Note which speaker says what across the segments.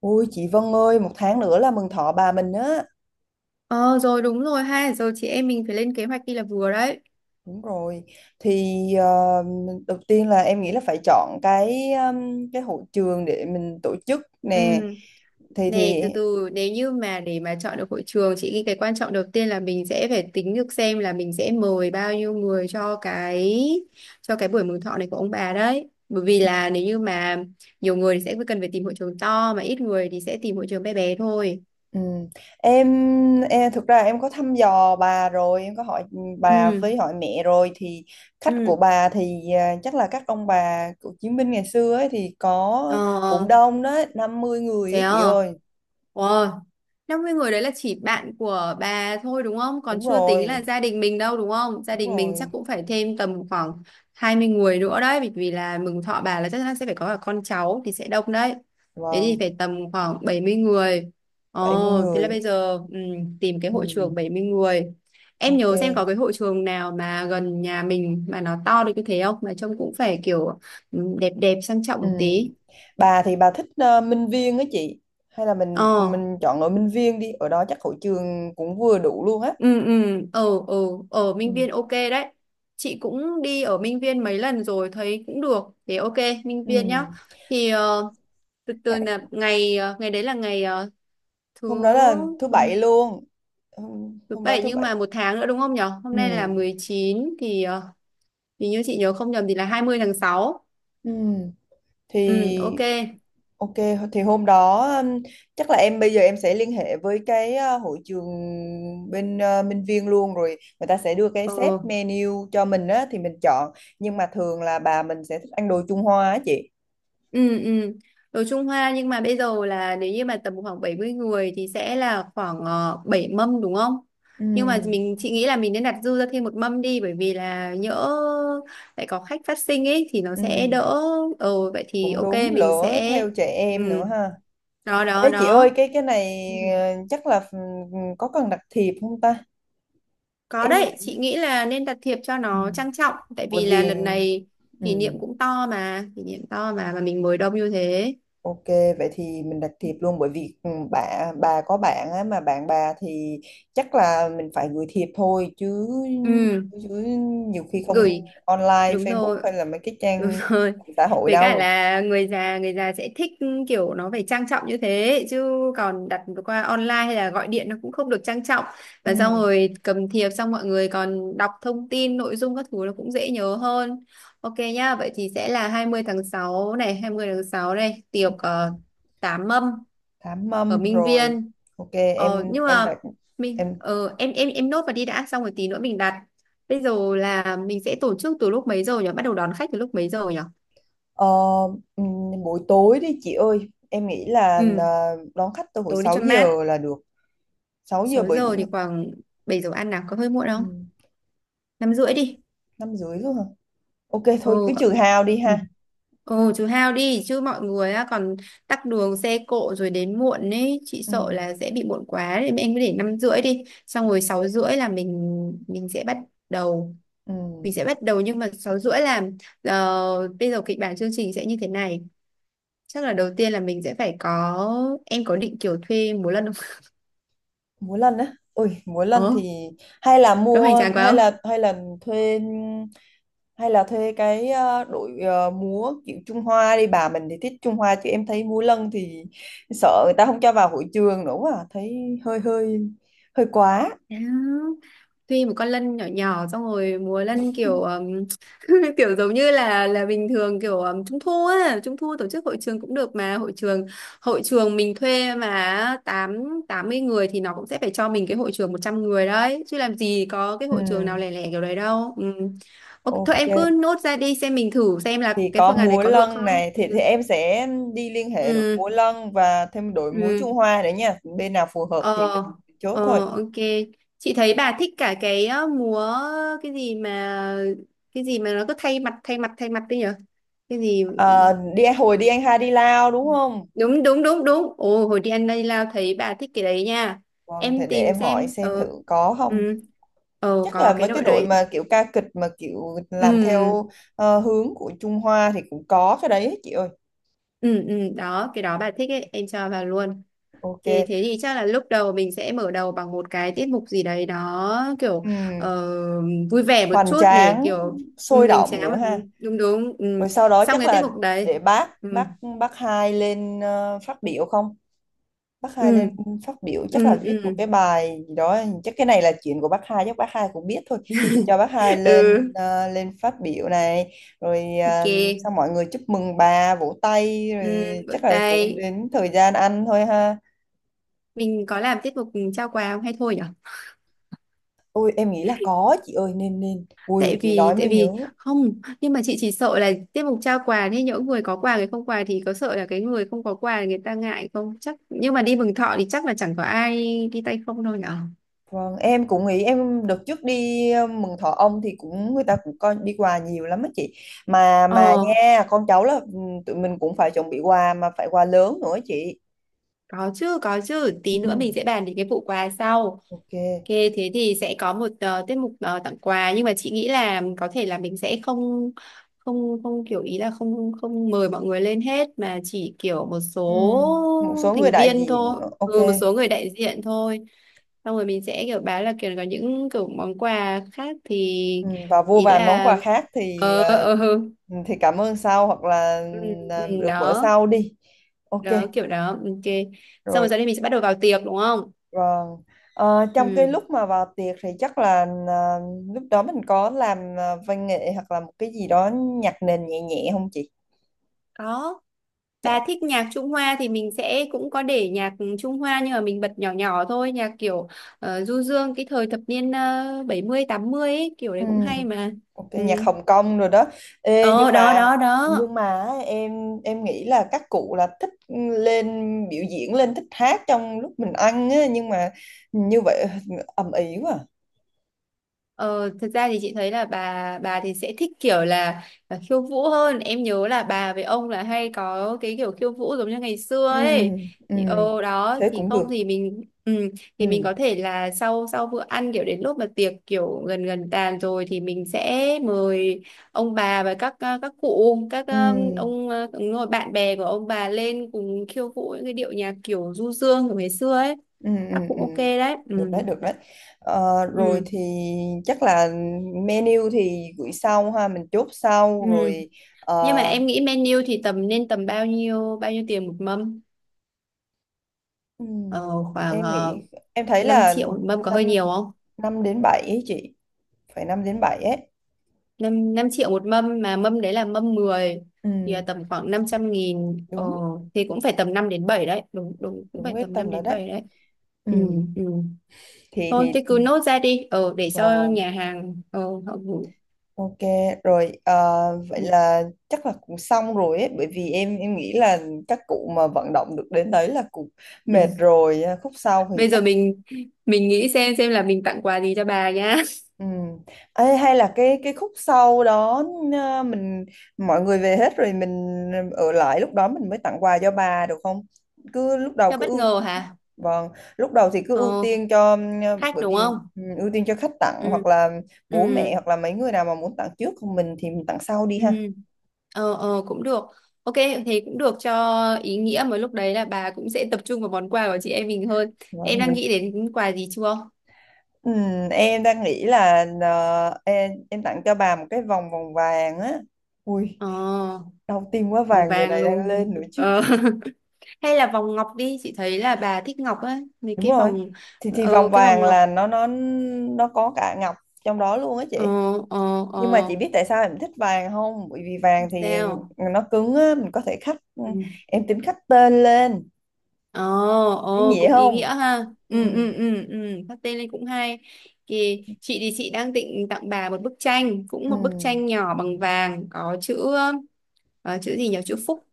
Speaker 1: Ôi chị Vân ơi, một tháng nữa là mừng thọ bà mình á.
Speaker 2: Ờ, rồi đúng rồi ha. Rồi chị em mình phải lên kế hoạch đi là vừa đấy.
Speaker 1: Đúng rồi. Thì đầu tiên là em nghĩ là phải chọn cái hội trường để mình tổ chức nè.
Speaker 2: Ừ.
Speaker 1: Thì
Speaker 2: Này,
Speaker 1: thì
Speaker 2: từ từ, nếu như mà để mà chọn được hội trường, chị nghĩ cái quan trọng đầu tiên là mình sẽ phải tính được xem là mình sẽ mời bao nhiêu người cho cái buổi mừng thọ này của ông bà đấy. Bởi vì là nếu như mà nhiều người thì sẽ cần phải tìm hội trường to, mà ít người thì sẽ tìm hội trường bé bé thôi.
Speaker 1: ừ. Em, em thực ra em có thăm dò bà rồi, em có hỏi bà
Speaker 2: Ừ.
Speaker 1: với hỏi mẹ rồi thì khách
Speaker 2: Ừ.
Speaker 1: của bà thì chắc là các ông bà của chiến binh ngày xưa ấy thì có cũng
Speaker 2: Ờ.
Speaker 1: đông đó, 50 người
Speaker 2: Thế
Speaker 1: á
Speaker 2: à?
Speaker 1: chị ơi.
Speaker 2: 50 người đấy là chỉ bạn của bà thôi đúng không? Còn
Speaker 1: Đúng
Speaker 2: chưa tính là
Speaker 1: rồi.
Speaker 2: gia đình mình đâu đúng không? Gia
Speaker 1: Đúng
Speaker 2: đình mình chắc
Speaker 1: rồi.
Speaker 2: cũng phải thêm tầm khoảng 20 người nữa đấy, bởi vì là mừng thọ bà là chắc chắn sẽ phải có cả con cháu thì sẽ đông đấy. Thế thì
Speaker 1: Vâng.
Speaker 2: phải tầm khoảng 70 người.
Speaker 1: bảy mươi
Speaker 2: Ồ, thế là
Speaker 1: người
Speaker 2: bây giờ, tìm cái hội
Speaker 1: Ừ,
Speaker 2: trường 70 người. Em
Speaker 1: ok.
Speaker 2: nhớ xem có cái hội trường nào mà gần nhà mình mà nó to được như thế không? Mà trông cũng phải kiểu đẹp đẹp sang trọng
Speaker 1: Ừ.
Speaker 2: một tí.
Speaker 1: Bà thì bà thích Minh Viên á chị. Hay là mình
Speaker 2: Ờ,
Speaker 1: mình chọn ở Minh Viên đi, ở đó chắc hội trường cũng vừa đủ luôn á.
Speaker 2: ừ, ừ, ừ, ừ, ở Minh
Speaker 1: Ừ.
Speaker 2: Viên ok đấy. Chị cũng đi ở Minh Viên mấy lần rồi thấy cũng được, thế ok, Minh
Speaker 1: Ừ.
Speaker 2: Viên nhá. thì ờ, từ từ
Speaker 1: Cái-
Speaker 2: là ngày đấy là thứ
Speaker 1: Hôm đó là thứ
Speaker 2: thứ
Speaker 1: bảy luôn. Hôm,
Speaker 2: thứ
Speaker 1: hôm đó
Speaker 2: bảy,
Speaker 1: thứ
Speaker 2: nhưng
Speaker 1: bảy.
Speaker 2: mà một tháng nữa đúng không nhở, hôm
Speaker 1: Ừ.
Speaker 2: nay là 19 thì như chị nhớ không nhầm thì là 20 tháng 6.
Speaker 1: Ừ. Thì
Speaker 2: Ừ ok.
Speaker 1: Ok, thì hôm đó chắc là em bây giờ em sẽ liên hệ với cái hội trường bên Minh Viên luôn rồi người ta sẽ đưa cái set
Speaker 2: Ờ.
Speaker 1: menu cho mình á thì mình chọn, nhưng mà thường là bà mình sẽ thích ăn đồ Trung Hoa á chị.
Speaker 2: Ừ, ừ. Đồ Trung Hoa, nhưng mà bây giờ là nếu như mà tầm khoảng 70 người thì sẽ là khoảng 7 mâm đúng không?
Speaker 1: Ừ,
Speaker 2: Nhưng mà mình chị nghĩ là mình nên đặt dư ra thêm một mâm đi, bởi vì là nhỡ lại có khách phát sinh ấy thì nó
Speaker 1: ừ,
Speaker 2: sẽ đỡ. Ừ, vậy thì
Speaker 1: cũng
Speaker 2: ok
Speaker 1: đúng,
Speaker 2: mình
Speaker 1: lỡ
Speaker 2: sẽ
Speaker 1: theo trẻ em nữa
Speaker 2: ừ.
Speaker 1: ha.
Speaker 2: Đó đó
Speaker 1: Ê chị ơi
Speaker 2: đó.
Speaker 1: cái này
Speaker 2: Ừ.
Speaker 1: chắc là có cần đặt thiệp không ta?
Speaker 2: Có
Speaker 1: Em
Speaker 2: đấy, chị nghĩ là nên đặt thiệp cho
Speaker 1: ừ,
Speaker 2: nó trang trọng, tại
Speaker 1: bởi
Speaker 2: vì là
Speaker 1: vì
Speaker 2: lần này
Speaker 1: ừ.
Speaker 2: kỷ niệm cũng to mà, kỷ niệm to mà mình mời đông như thế.
Speaker 1: Ok, vậy thì mình đặt thiệp luôn bởi vì bà có bạn á, mà bạn bà thì chắc là mình phải gửi thiệp thôi chứ
Speaker 2: Ừ,
Speaker 1: chứ nhiều khi không
Speaker 2: gửi.
Speaker 1: online
Speaker 2: Đúng
Speaker 1: Facebook
Speaker 2: rồi.
Speaker 1: hay là mấy cái
Speaker 2: Đúng
Speaker 1: trang
Speaker 2: rồi.
Speaker 1: mạng xã hội
Speaker 2: Với cả
Speaker 1: đâu.
Speaker 2: là người già, người già sẽ thích kiểu nó phải trang trọng như thế, chứ còn đặt qua online hay là gọi điện nó cũng không được trang trọng.
Speaker 1: Ừ.
Speaker 2: Và xong rồi cầm thiệp xong mọi người còn đọc thông tin nội dung các thứ, nó cũng dễ nhớ hơn. Ok nhá, vậy thì sẽ là 20 tháng 6 này, 20 tháng 6 này, tiệc
Speaker 1: Ừ,
Speaker 2: tám mâm
Speaker 1: Thám
Speaker 2: ở
Speaker 1: mâm
Speaker 2: Minh
Speaker 1: rồi.
Speaker 2: Viên.
Speaker 1: Ok,
Speaker 2: Ờ,
Speaker 1: em
Speaker 2: nhưng
Speaker 1: em
Speaker 2: mà
Speaker 1: đặt em
Speaker 2: em nốt vào đi đã, xong rồi tí nữa mình đặt. Bây giờ là mình sẽ tổ chức từ lúc mấy giờ nhỉ? Bắt đầu đón khách từ lúc mấy giờ nhỉ?
Speaker 1: ờ, ừ, buổi tối đi chị ơi. Em nghĩ là
Speaker 2: Ừ,
Speaker 1: đón khách từ hồi
Speaker 2: tối đi
Speaker 1: 6
Speaker 2: cho mát.
Speaker 1: giờ là được. 6 giờ,
Speaker 2: Sáu
Speaker 1: bởi
Speaker 2: giờ thì khoảng 7 giờ ăn nào, có hơi muộn
Speaker 1: ừ,
Speaker 2: không? Năm rưỡi đi.
Speaker 1: 5 rưỡi rồi hả? Ok thôi cứ
Speaker 2: Ồ,
Speaker 1: trừ hao đi
Speaker 2: ừ.
Speaker 1: ha.
Speaker 2: Ồ, chú Hao đi chứ mọi người á, còn tắc đường xe cộ rồi đến muộn ấy, chị
Speaker 1: Ừ.
Speaker 2: sợ là sẽ bị muộn quá nên em cứ để 5 rưỡi đi. Xong rồi 6 rưỡi là mình sẽ bắt đầu.
Speaker 1: Ừ,
Speaker 2: Mình sẽ bắt đầu, nhưng mà 6 rưỡi là ờ, bây giờ kịch bản chương trình sẽ như thế này. Chắc là đầu tiên là mình sẽ phải có, em có định kiểu thuê múa lân không?
Speaker 1: múa lân á, ui múa lân
Speaker 2: Ờ,
Speaker 1: thì hay là
Speaker 2: có hoành
Speaker 1: mua
Speaker 2: tráng quá
Speaker 1: hay
Speaker 2: không?
Speaker 1: là hay là thuê, hay là thuê cái đội múa kiểu Trung Hoa đi, bà mình thì thích Trung Hoa chứ em thấy múa lân thì sợ người ta không cho vào hội trường nữa, quá à. Thấy hơi hơi hơi quá.
Speaker 2: Có. Tuy một con lân nhỏ nhỏ xong rồi múa lân kiểu kiểu giống như là bình thường, kiểu trung thu á, trung thu tổ chức hội trường cũng được, mà hội trường mình thuê mà tám 80 người thì nó cũng sẽ phải cho mình cái hội trường 100 người đấy, chứ làm gì có cái
Speaker 1: ừ,
Speaker 2: hội trường nào lẻ lẻ kiểu đấy đâu ừ. Ok, thôi
Speaker 1: ok,
Speaker 2: em cứ nốt ra đi xem, mình thử xem là
Speaker 1: thì
Speaker 2: cái
Speaker 1: có
Speaker 2: phương án đấy
Speaker 1: múa
Speaker 2: có được
Speaker 1: lân
Speaker 2: không.
Speaker 1: này thì em sẽ đi liên hệ đội
Speaker 2: Ừ.
Speaker 1: múa lân và thêm đội múa
Speaker 2: Ừ.
Speaker 1: Trung Hoa nữa nha, bên nào phù hợp
Speaker 2: Ờ,
Speaker 1: thì mình chốt thôi.
Speaker 2: ờ, ok. Chị thấy bà thích cả cái múa, cái gì mà, cái gì mà nó cứ thay mặt thay mặt thay mặt đấy nhở? Cái gì.
Speaker 1: Ờ, đi hồi đi anh hai đi Lao đúng không?
Speaker 2: Đúng đúng đúng đúng. Ồ hồi đi ăn đây lao thấy bà thích cái đấy nha.
Speaker 1: Vâng, thì
Speaker 2: Em
Speaker 1: để
Speaker 2: tìm
Speaker 1: em hỏi
Speaker 2: xem.
Speaker 1: xem
Speaker 2: Ờ.
Speaker 1: thử có không.
Speaker 2: Ừ. Ờ,
Speaker 1: Chắc
Speaker 2: có
Speaker 1: là
Speaker 2: cái
Speaker 1: mấy cái
Speaker 2: đội
Speaker 1: đội
Speaker 2: đấy.
Speaker 1: mà kiểu ca kịch mà kiểu
Speaker 2: Ừ.
Speaker 1: làm theo hướng của Trung Hoa thì cũng có cái đấy chị ơi.
Speaker 2: Ừ ừ đó, cái đó bà thích ấy, em cho vào luôn.
Speaker 1: Ok.
Speaker 2: Thế thì chắc là lúc đầu mình sẽ mở đầu bằng một cái tiết mục gì đấy, đó kiểu
Speaker 1: Ừm,
Speaker 2: ờ, vui vẻ một
Speaker 1: hoành
Speaker 2: chút, để
Speaker 1: tráng,
Speaker 2: kiểu
Speaker 1: sôi
Speaker 2: hoành
Speaker 1: động
Speaker 2: tráng
Speaker 1: nữa
Speaker 2: mà.
Speaker 1: ha.
Speaker 2: Ừ, đúng đúng ừ.
Speaker 1: Rồi sau đó
Speaker 2: Xong
Speaker 1: chắc
Speaker 2: cái tiết
Speaker 1: là
Speaker 2: mục đấy.
Speaker 1: để bác
Speaker 2: Ừ.
Speaker 1: bác bác hai lên phát biểu không? Bác Hai lên
Speaker 2: Ừ.
Speaker 1: phát biểu chắc là
Speaker 2: Ừ.
Speaker 1: viết một
Speaker 2: Ừ.
Speaker 1: cái bài gì đó, chắc cái này là chuyện của bác Hai, chắc bác Hai cũng biết thôi thì cho bác Hai lên
Speaker 2: Ừ
Speaker 1: ờ, lên phát biểu này rồi
Speaker 2: ok.
Speaker 1: xong mọi người chúc mừng bà, vỗ tay rồi
Speaker 2: Ừ. Vỗ
Speaker 1: chắc là cũng
Speaker 2: tay.
Speaker 1: đến thời gian ăn thôi ha.
Speaker 2: Mình có làm tiết mục trao quà không hay thôi nhở?
Speaker 1: Ôi em nghĩ là có chị ơi, nên nên ui
Speaker 2: tại
Speaker 1: chị
Speaker 2: vì
Speaker 1: nói mới
Speaker 2: tại vì
Speaker 1: nhớ.
Speaker 2: không, nhưng mà chị chỉ sợ là tiết mục trao quà thế, những người có quà người không quà thì có sợ là cái người không có quà người ta ngại không chắc, nhưng mà đi mừng thọ thì chắc là chẳng có ai đi tay không đâu nhở.
Speaker 1: Vâng, em cũng nghĩ em đợt trước đi mừng thọ ông thì cũng, người ta cũng coi đi quà nhiều lắm á chị, mà
Speaker 2: Ờ,
Speaker 1: nha con cháu là tụi mình cũng phải chuẩn bị quà, mà phải quà lớn nữa chị.
Speaker 2: có chứ, có chứ. Tí nữa
Speaker 1: Ừ,
Speaker 2: mình sẽ bàn đến cái vụ quà sau. Ok,
Speaker 1: ok.
Speaker 2: thế thì sẽ có một tiết mục tặng quà, nhưng mà chị nghĩ là có thể là mình sẽ không không không kiểu ý là không không mời mọi người lên hết, mà chỉ kiểu một
Speaker 1: Ừ, một
Speaker 2: số
Speaker 1: số người
Speaker 2: thành
Speaker 1: đại
Speaker 2: viên
Speaker 1: diện,
Speaker 2: thôi,
Speaker 1: ok.
Speaker 2: một số người đại diện thôi. Xong rồi mình sẽ kiểu báo là kiểu có những kiểu món quà khác, thì
Speaker 1: Ừ, và vô
Speaker 2: ý
Speaker 1: vàn món
Speaker 2: là
Speaker 1: quà khác thì
Speaker 2: ờ ờ
Speaker 1: ờ,
Speaker 2: ừ,
Speaker 1: thì cảm ơn sau hoặc là
Speaker 2: ừ,
Speaker 1: được bữa
Speaker 2: đó,
Speaker 1: sau đi. Ok,
Speaker 2: đó kiểu đó. Ok. Xong
Speaker 1: rồi.
Speaker 2: rồi sau đây mình sẽ bắt đầu vào tiệc đúng không?
Speaker 1: Vâng. Ờ, trong cái
Speaker 2: Ừ,
Speaker 1: lúc mà vào tiệc thì chắc là ờ, lúc đó mình có làm văn nghệ hoặc là một cái gì đó nhạc nền nhẹ nhẹ không chị?
Speaker 2: có.
Speaker 1: Dạ.
Speaker 2: Bà thích nhạc Trung Hoa thì mình sẽ cũng có để nhạc Trung Hoa, nhưng mà mình bật nhỏ nhỏ thôi, nhạc kiểu du dương cái thời thập niên 70 80 ấy, kiểu đấy
Speaker 1: Ừ.
Speaker 2: cũng hay mà.
Speaker 1: Ok,
Speaker 2: Ừ.
Speaker 1: nhạc Hồng Kông rồi đó. Ê, nhưng
Speaker 2: Ờ đó
Speaker 1: mà
Speaker 2: đó đó.
Speaker 1: nhưng mà em nghĩ là các cụ là thích lên biểu diễn, lên thích hát trong lúc mình ăn á, nhưng mà như vậy ầm ĩ quá. À.
Speaker 2: Ờ, thật ra thì chị thấy là bà thì sẽ thích kiểu là khiêu vũ hơn. Em nhớ là bà với ông là hay có cái kiểu khiêu vũ giống như ngày xưa
Speaker 1: Ừ,
Speaker 2: ấy.
Speaker 1: ừ,
Speaker 2: Thì, ờ đó
Speaker 1: thế
Speaker 2: thì
Speaker 1: cũng
Speaker 2: không
Speaker 1: được.
Speaker 2: thì thì mình
Speaker 1: Ừ,
Speaker 2: có thể là sau sau bữa ăn, kiểu đến lúc mà tiệc kiểu gần gần tàn rồi thì mình sẽ mời ông bà và các cụ,
Speaker 1: ừ,
Speaker 2: đúng rồi, bạn bè của ông bà lên cùng khiêu vũ những cái điệu nhạc kiểu du dương của ngày xưa ấy.
Speaker 1: ừ, ừ,
Speaker 2: Các cụ
Speaker 1: ừ.
Speaker 2: ok đấy. Ừ.
Speaker 1: Được đấy, được đấy. Ờ, rồi
Speaker 2: Ừ.
Speaker 1: thì chắc là menu thì gửi sau ha, mình chốt
Speaker 2: Ừ.
Speaker 1: sau rồi.
Speaker 2: Nhưng mà
Speaker 1: Ờ,
Speaker 2: em nghĩ menu thì tầm bao nhiêu tiền một mâm ờ,
Speaker 1: ừm,
Speaker 2: khoảng
Speaker 1: em
Speaker 2: uh,
Speaker 1: nghĩ em thấy
Speaker 2: 5
Speaker 1: là
Speaker 2: triệu một mâm có hơi
Speaker 1: 5
Speaker 2: nhiều không?
Speaker 1: năm đến 7 ấy chị, phải 5 đến 7 ấy.
Speaker 2: Năm năm triệu một mâm mà mâm đấy là mâm 10 thì là
Speaker 1: Ừm,
Speaker 2: tầm khoảng 500.000,
Speaker 1: đúng
Speaker 2: thì cũng phải tầm 5 đến 7 đấy, đúng đúng, cũng
Speaker 1: đúng
Speaker 2: phải
Speaker 1: cái
Speaker 2: tầm
Speaker 1: tầm
Speaker 2: 5
Speaker 1: đó
Speaker 2: đến
Speaker 1: đấy.
Speaker 2: 7 đấy. Ừ,
Speaker 1: Ừm,
Speaker 2: ừ.
Speaker 1: thì
Speaker 2: Thôi
Speaker 1: thì
Speaker 2: thế cứ nốt ra đi, để
Speaker 1: vâng,
Speaker 2: cho
Speaker 1: vâng,
Speaker 2: nhà hàng họ gửi.
Speaker 1: ok rồi vậy
Speaker 2: Ừ.
Speaker 1: là chắc là cũng xong rồi ấy, bởi vì em nghĩ là các cụ mà vận động được đến đấy là cũng mệt rồi à, khúc sau thì
Speaker 2: Bây
Speaker 1: chắc.
Speaker 2: giờ mình nghĩ xem là mình tặng quà gì cho bà nhá.
Speaker 1: Ừ. Ê, hay là cái khúc sau đó mình, mọi người về hết rồi mình ở lại, lúc đó mình mới tặng quà cho bà được không? Cứ lúc đầu
Speaker 2: Cho
Speaker 1: cứ
Speaker 2: bất
Speaker 1: ưu
Speaker 2: ngờ hả?
Speaker 1: Vâng, lúc đầu thì cứ ưu
Speaker 2: ờ
Speaker 1: tiên cho
Speaker 2: khách
Speaker 1: bởi
Speaker 2: đúng
Speaker 1: vì
Speaker 2: không?
Speaker 1: ưu tiên cho khách tặng
Speaker 2: Ừ.
Speaker 1: hoặc là bố
Speaker 2: Ừ.
Speaker 1: mẹ hoặc là mấy người nào mà muốn tặng trước, còn mình thì mình tặng sau đi
Speaker 2: Ừ.
Speaker 1: ha.
Speaker 2: Cũng được, ok thì cũng được, cho ý nghĩa. Mà lúc đấy là bà cũng sẽ tập trung vào món quà của chị em mình hơn. Em
Speaker 1: Vâng,
Speaker 2: đang
Speaker 1: mình
Speaker 2: nghĩ đến quà gì chưa?
Speaker 1: ừ, em đang nghĩ là em tặng cho bà một cái vòng vòng vàng á. Ui,
Speaker 2: ờ
Speaker 1: đau tim quá,
Speaker 2: vòng
Speaker 1: vàng giờ
Speaker 2: vàng
Speaker 1: này đang
Speaker 2: luôn.
Speaker 1: lên nữa chứ.
Speaker 2: ờ Hay là vòng ngọc đi, chị thấy là bà thích ngọc á, mấy
Speaker 1: Đúng
Speaker 2: cái
Speaker 1: rồi,
Speaker 2: vòng.
Speaker 1: thì vòng
Speaker 2: Cái
Speaker 1: vàng
Speaker 2: vòng ngọc.
Speaker 1: là nó có cả ngọc trong đó luôn á
Speaker 2: ờ
Speaker 1: chị.
Speaker 2: ờ
Speaker 1: Nhưng mà
Speaker 2: ờ
Speaker 1: chị biết tại sao em thích vàng không, bởi vì vàng thì
Speaker 2: sao?
Speaker 1: nó cứng á, mình có thể khắc
Speaker 2: Ừ.
Speaker 1: em tính khắc tên lên,
Speaker 2: Ồ,
Speaker 1: ý
Speaker 2: ồ
Speaker 1: nghĩa
Speaker 2: cũng ý
Speaker 1: không?
Speaker 2: nghĩa ha.
Speaker 1: Ừ,
Speaker 2: Ừ ừ ừ ừ, phát tên lên cũng hay. Thì chị đang định tặng bà một bức tranh, cũng
Speaker 1: ừ,
Speaker 2: một bức tranh nhỏ bằng vàng, có chữ chữ gì nhỉ? Chữ Phúc.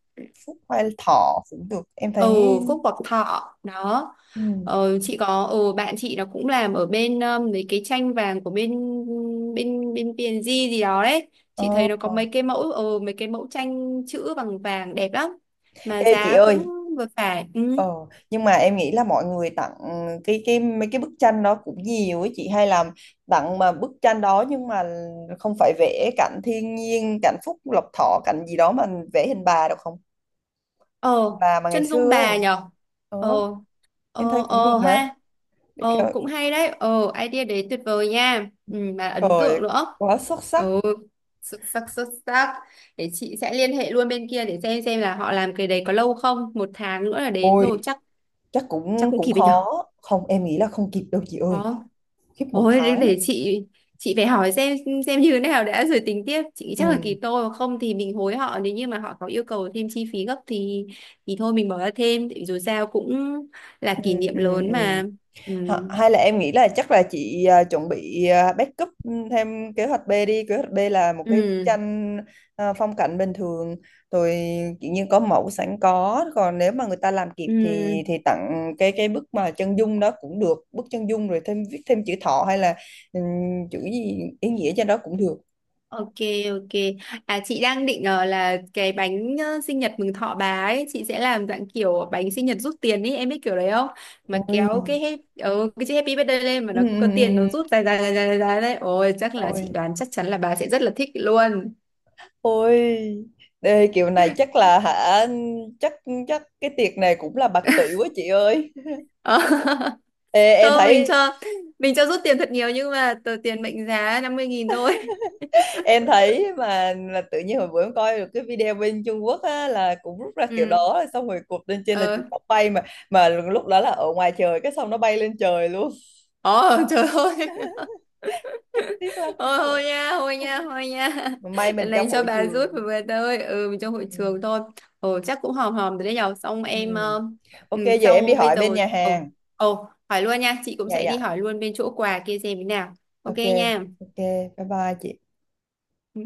Speaker 1: phúc hay thọ cũng được em thấy.
Speaker 2: Ừ, Phúc hoặc Thọ đó.
Speaker 1: Ừ.
Speaker 2: Ờ, chị có bạn chị nó cũng làm ở bên mấy cái tranh vàng của bên bên bên PNG gì đó đấy. Chị
Speaker 1: Ờ,
Speaker 2: thấy nó có
Speaker 1: ờ.
Speaker 2: mấy cái mẫu mấy cái mẫu tranh chữ bằng vàng đẹp lắm, mà
Speaker 1: Ê chị
Speaker 2: giá cũng
Speaker 1: ơi,
Speaker 2: vừa phải. Ừ.
Speaker 1: ờ, nhưng mà em nghĩ là mọi người tặng cái mấy cái bức tranh đó cũng nhiều ấy chị, hay làm tặng mà bức tranh đó, nhưng mà không phải vẽ cảnh thiên nhiên, cảnh Phúc Lộc Thọ, cảnh gì đó mà vẽ hình bà được không,
Speaker 2: ờ
Speaker 1: bà mà ngày
Speaker 2: chân dung
Speaker 1: xưa
Speaker 2: bà
Speaker 1: ấy.
Speaker 2: nhở? ờ
Speaker 1: ờ, em thấy cũng được mà.
Speaker 2: ha,
Speaker 1: Để
Speaker 2: cũng hay đấy, idea đấy tuyệt vời nha, ừ, mà ấn
Speaker 1: trời,
Speaker 2: tượng nữa.
Speaker 1: quá xuất sắc.
Speaker 2: Ừ, xuất sắc xuất sắc. Để chị sẽ liên hệ luôn bên kia để xem là họ làm cái đấy có lâu không, một tháng nữa là đến
Speaker 1: Ôi
Speaker 2: rồi, chắc
Speaker 1: chắc
Speaker 2: chắc
Speaker 1: cũng
Speaker 2: cũng
Speaker 1: cũng
Speaker 2: kịp ấy nhở?
Speaker 1: khó. Không, em nghĩ là không kịp đâu chị ơi,
Speaker 2: Có.
Speaker 1: khiếp một
Speaker 2: Ôi để,
Speaker 1: tháng.
Speaker 2: để chị phải hỏi xem như thế nào đã rồi tính tiếp. Chị nghĩ chắc là kỳ
Speaker 1: Ừ,
Speaker 2: tô, hoặc không thì mình hối họ, nếu như mà họ có yêu cầu thêm chi phí gấp thì thôi mình bỏ ra thêm, tại vì dù sao cũng là
Speaker 1: ừ,
Speaker 2: kỷ niệm
Speaker 1: ừ,
Speaker 2: lớn
Speaker 1: ừ.
Speaker 2: mà. Ừ.
Speaker 1: Hay là em nghĩ là chắc là chị chuẩn bị backup thêm kế hoạch B đi. Kế hoạch B là một cái bức
Speaker 2: Ừ.
Speaker 1: tranh phong cảnh bình thường, rồi tự nhiên có mẫu sẵn có. Còn nếu mà người ta làm kịp thì
Speaker 2: Ừ.
Speaker 1: tặng cái bức mà chân dung đó cũng được. Bức chân dung rồi thêm viết thêm chữ thọ hay là ừm, chữ gì ý nghĩa trên đó cũng được.
Speaker 2: Ok, ok. À chị đang định là cái bánh sinh nhật mừng thọ bà ấy, chị sẽ làm dạng kiểu bánh sinh nhật rút tiền ấy, em biết kiểu đấy không? Mà kéo
Speaker 1: Ôi,
Speaker 2: cái cái chữ happy birthday lên, mà
Speaker 1: ừ,
Speaker 2: nó
Speaker 1: ừ,
Speaker 2: cũng có tiền, nó
Speaker 1: ừ.
Speaker 2: rút dài dài dài dài dài dài đấy. Ôi chắc là chị
Speaker 1: Ôi,
Speaker 2: đoán chắc chắn là bà sẽ rất là thích luôn.
Speaker 1: ôi. Đây, kiểu này chắc là hả, chắc chắc cái tiệc này cũng là bạc tỷ quá chị ơi.
Speaker 2: Ờ.
Speaker 1: Ê, em
Speaker 2: Không, mình
Speaker 1: thấy
Speaker 2: cho mình cho rút tiền thật nhiều, nhưng mà tờ tiền mệnh giá 50.000 thôi.
Speaker 1: em thấy mà là tự nhiên hồi bữa em coi được cái video bên Trung Quốc á, là cũng rút ra kiểu
Speaker 2: Ừ.
Speaker 1: đó rồi xong rồi cột lên trên là
Speaker 2: Ờ.
Speaker 1: chụp, cọc bay mà lúc đó là ở ngoài trời cái xong nó bay lên trời luôn
Speaker 2: Ồ trời ơi.
Speaker 1: chắc tiếc lắm.
Speaker 2: Ôi thôi nha, thôi nha, thôi nha.
Speaker 1: Mà may mình
Speaker 2: Lần này
Speaker 1: trong
Speaker 2: cho
Speaker 1: hội
Speaker 2: bà rút
Speaker 1: trường.
Speaker 2: về về tôi, ừ mình
Speaker 1: Ừ.
Speaker 2: trong hội
Speaker 1: Ừ.
Speaker 2: trường thôi. Ồ chắc cũng hòm hòm rồi đấy nhở. Xong
Speaker 1: Ừ.
Speaker 2: em
Speaker 1: Ok giờ em đi
Speaker 2: sau bây
Speaker 1: hỏi
Speaker 2: giờ
Speaker 1: bên nhà
Speaker 2: ồ
Speaker 1: hàng.
Speaker 2: ồ hỏi luôn nha, chị cũng
Speaker 1: Dạ,
Speaker 2: sẽ đi
Speaker 1: dạ.
Speaker 2: hỏi luôn bên chỗ quà kia xem thế nào. Ok
Speaker 1: Ok,
Speaker 2: nha.
Speaker 1: ok. Bye bye chị.
Speaker 2: Ừ.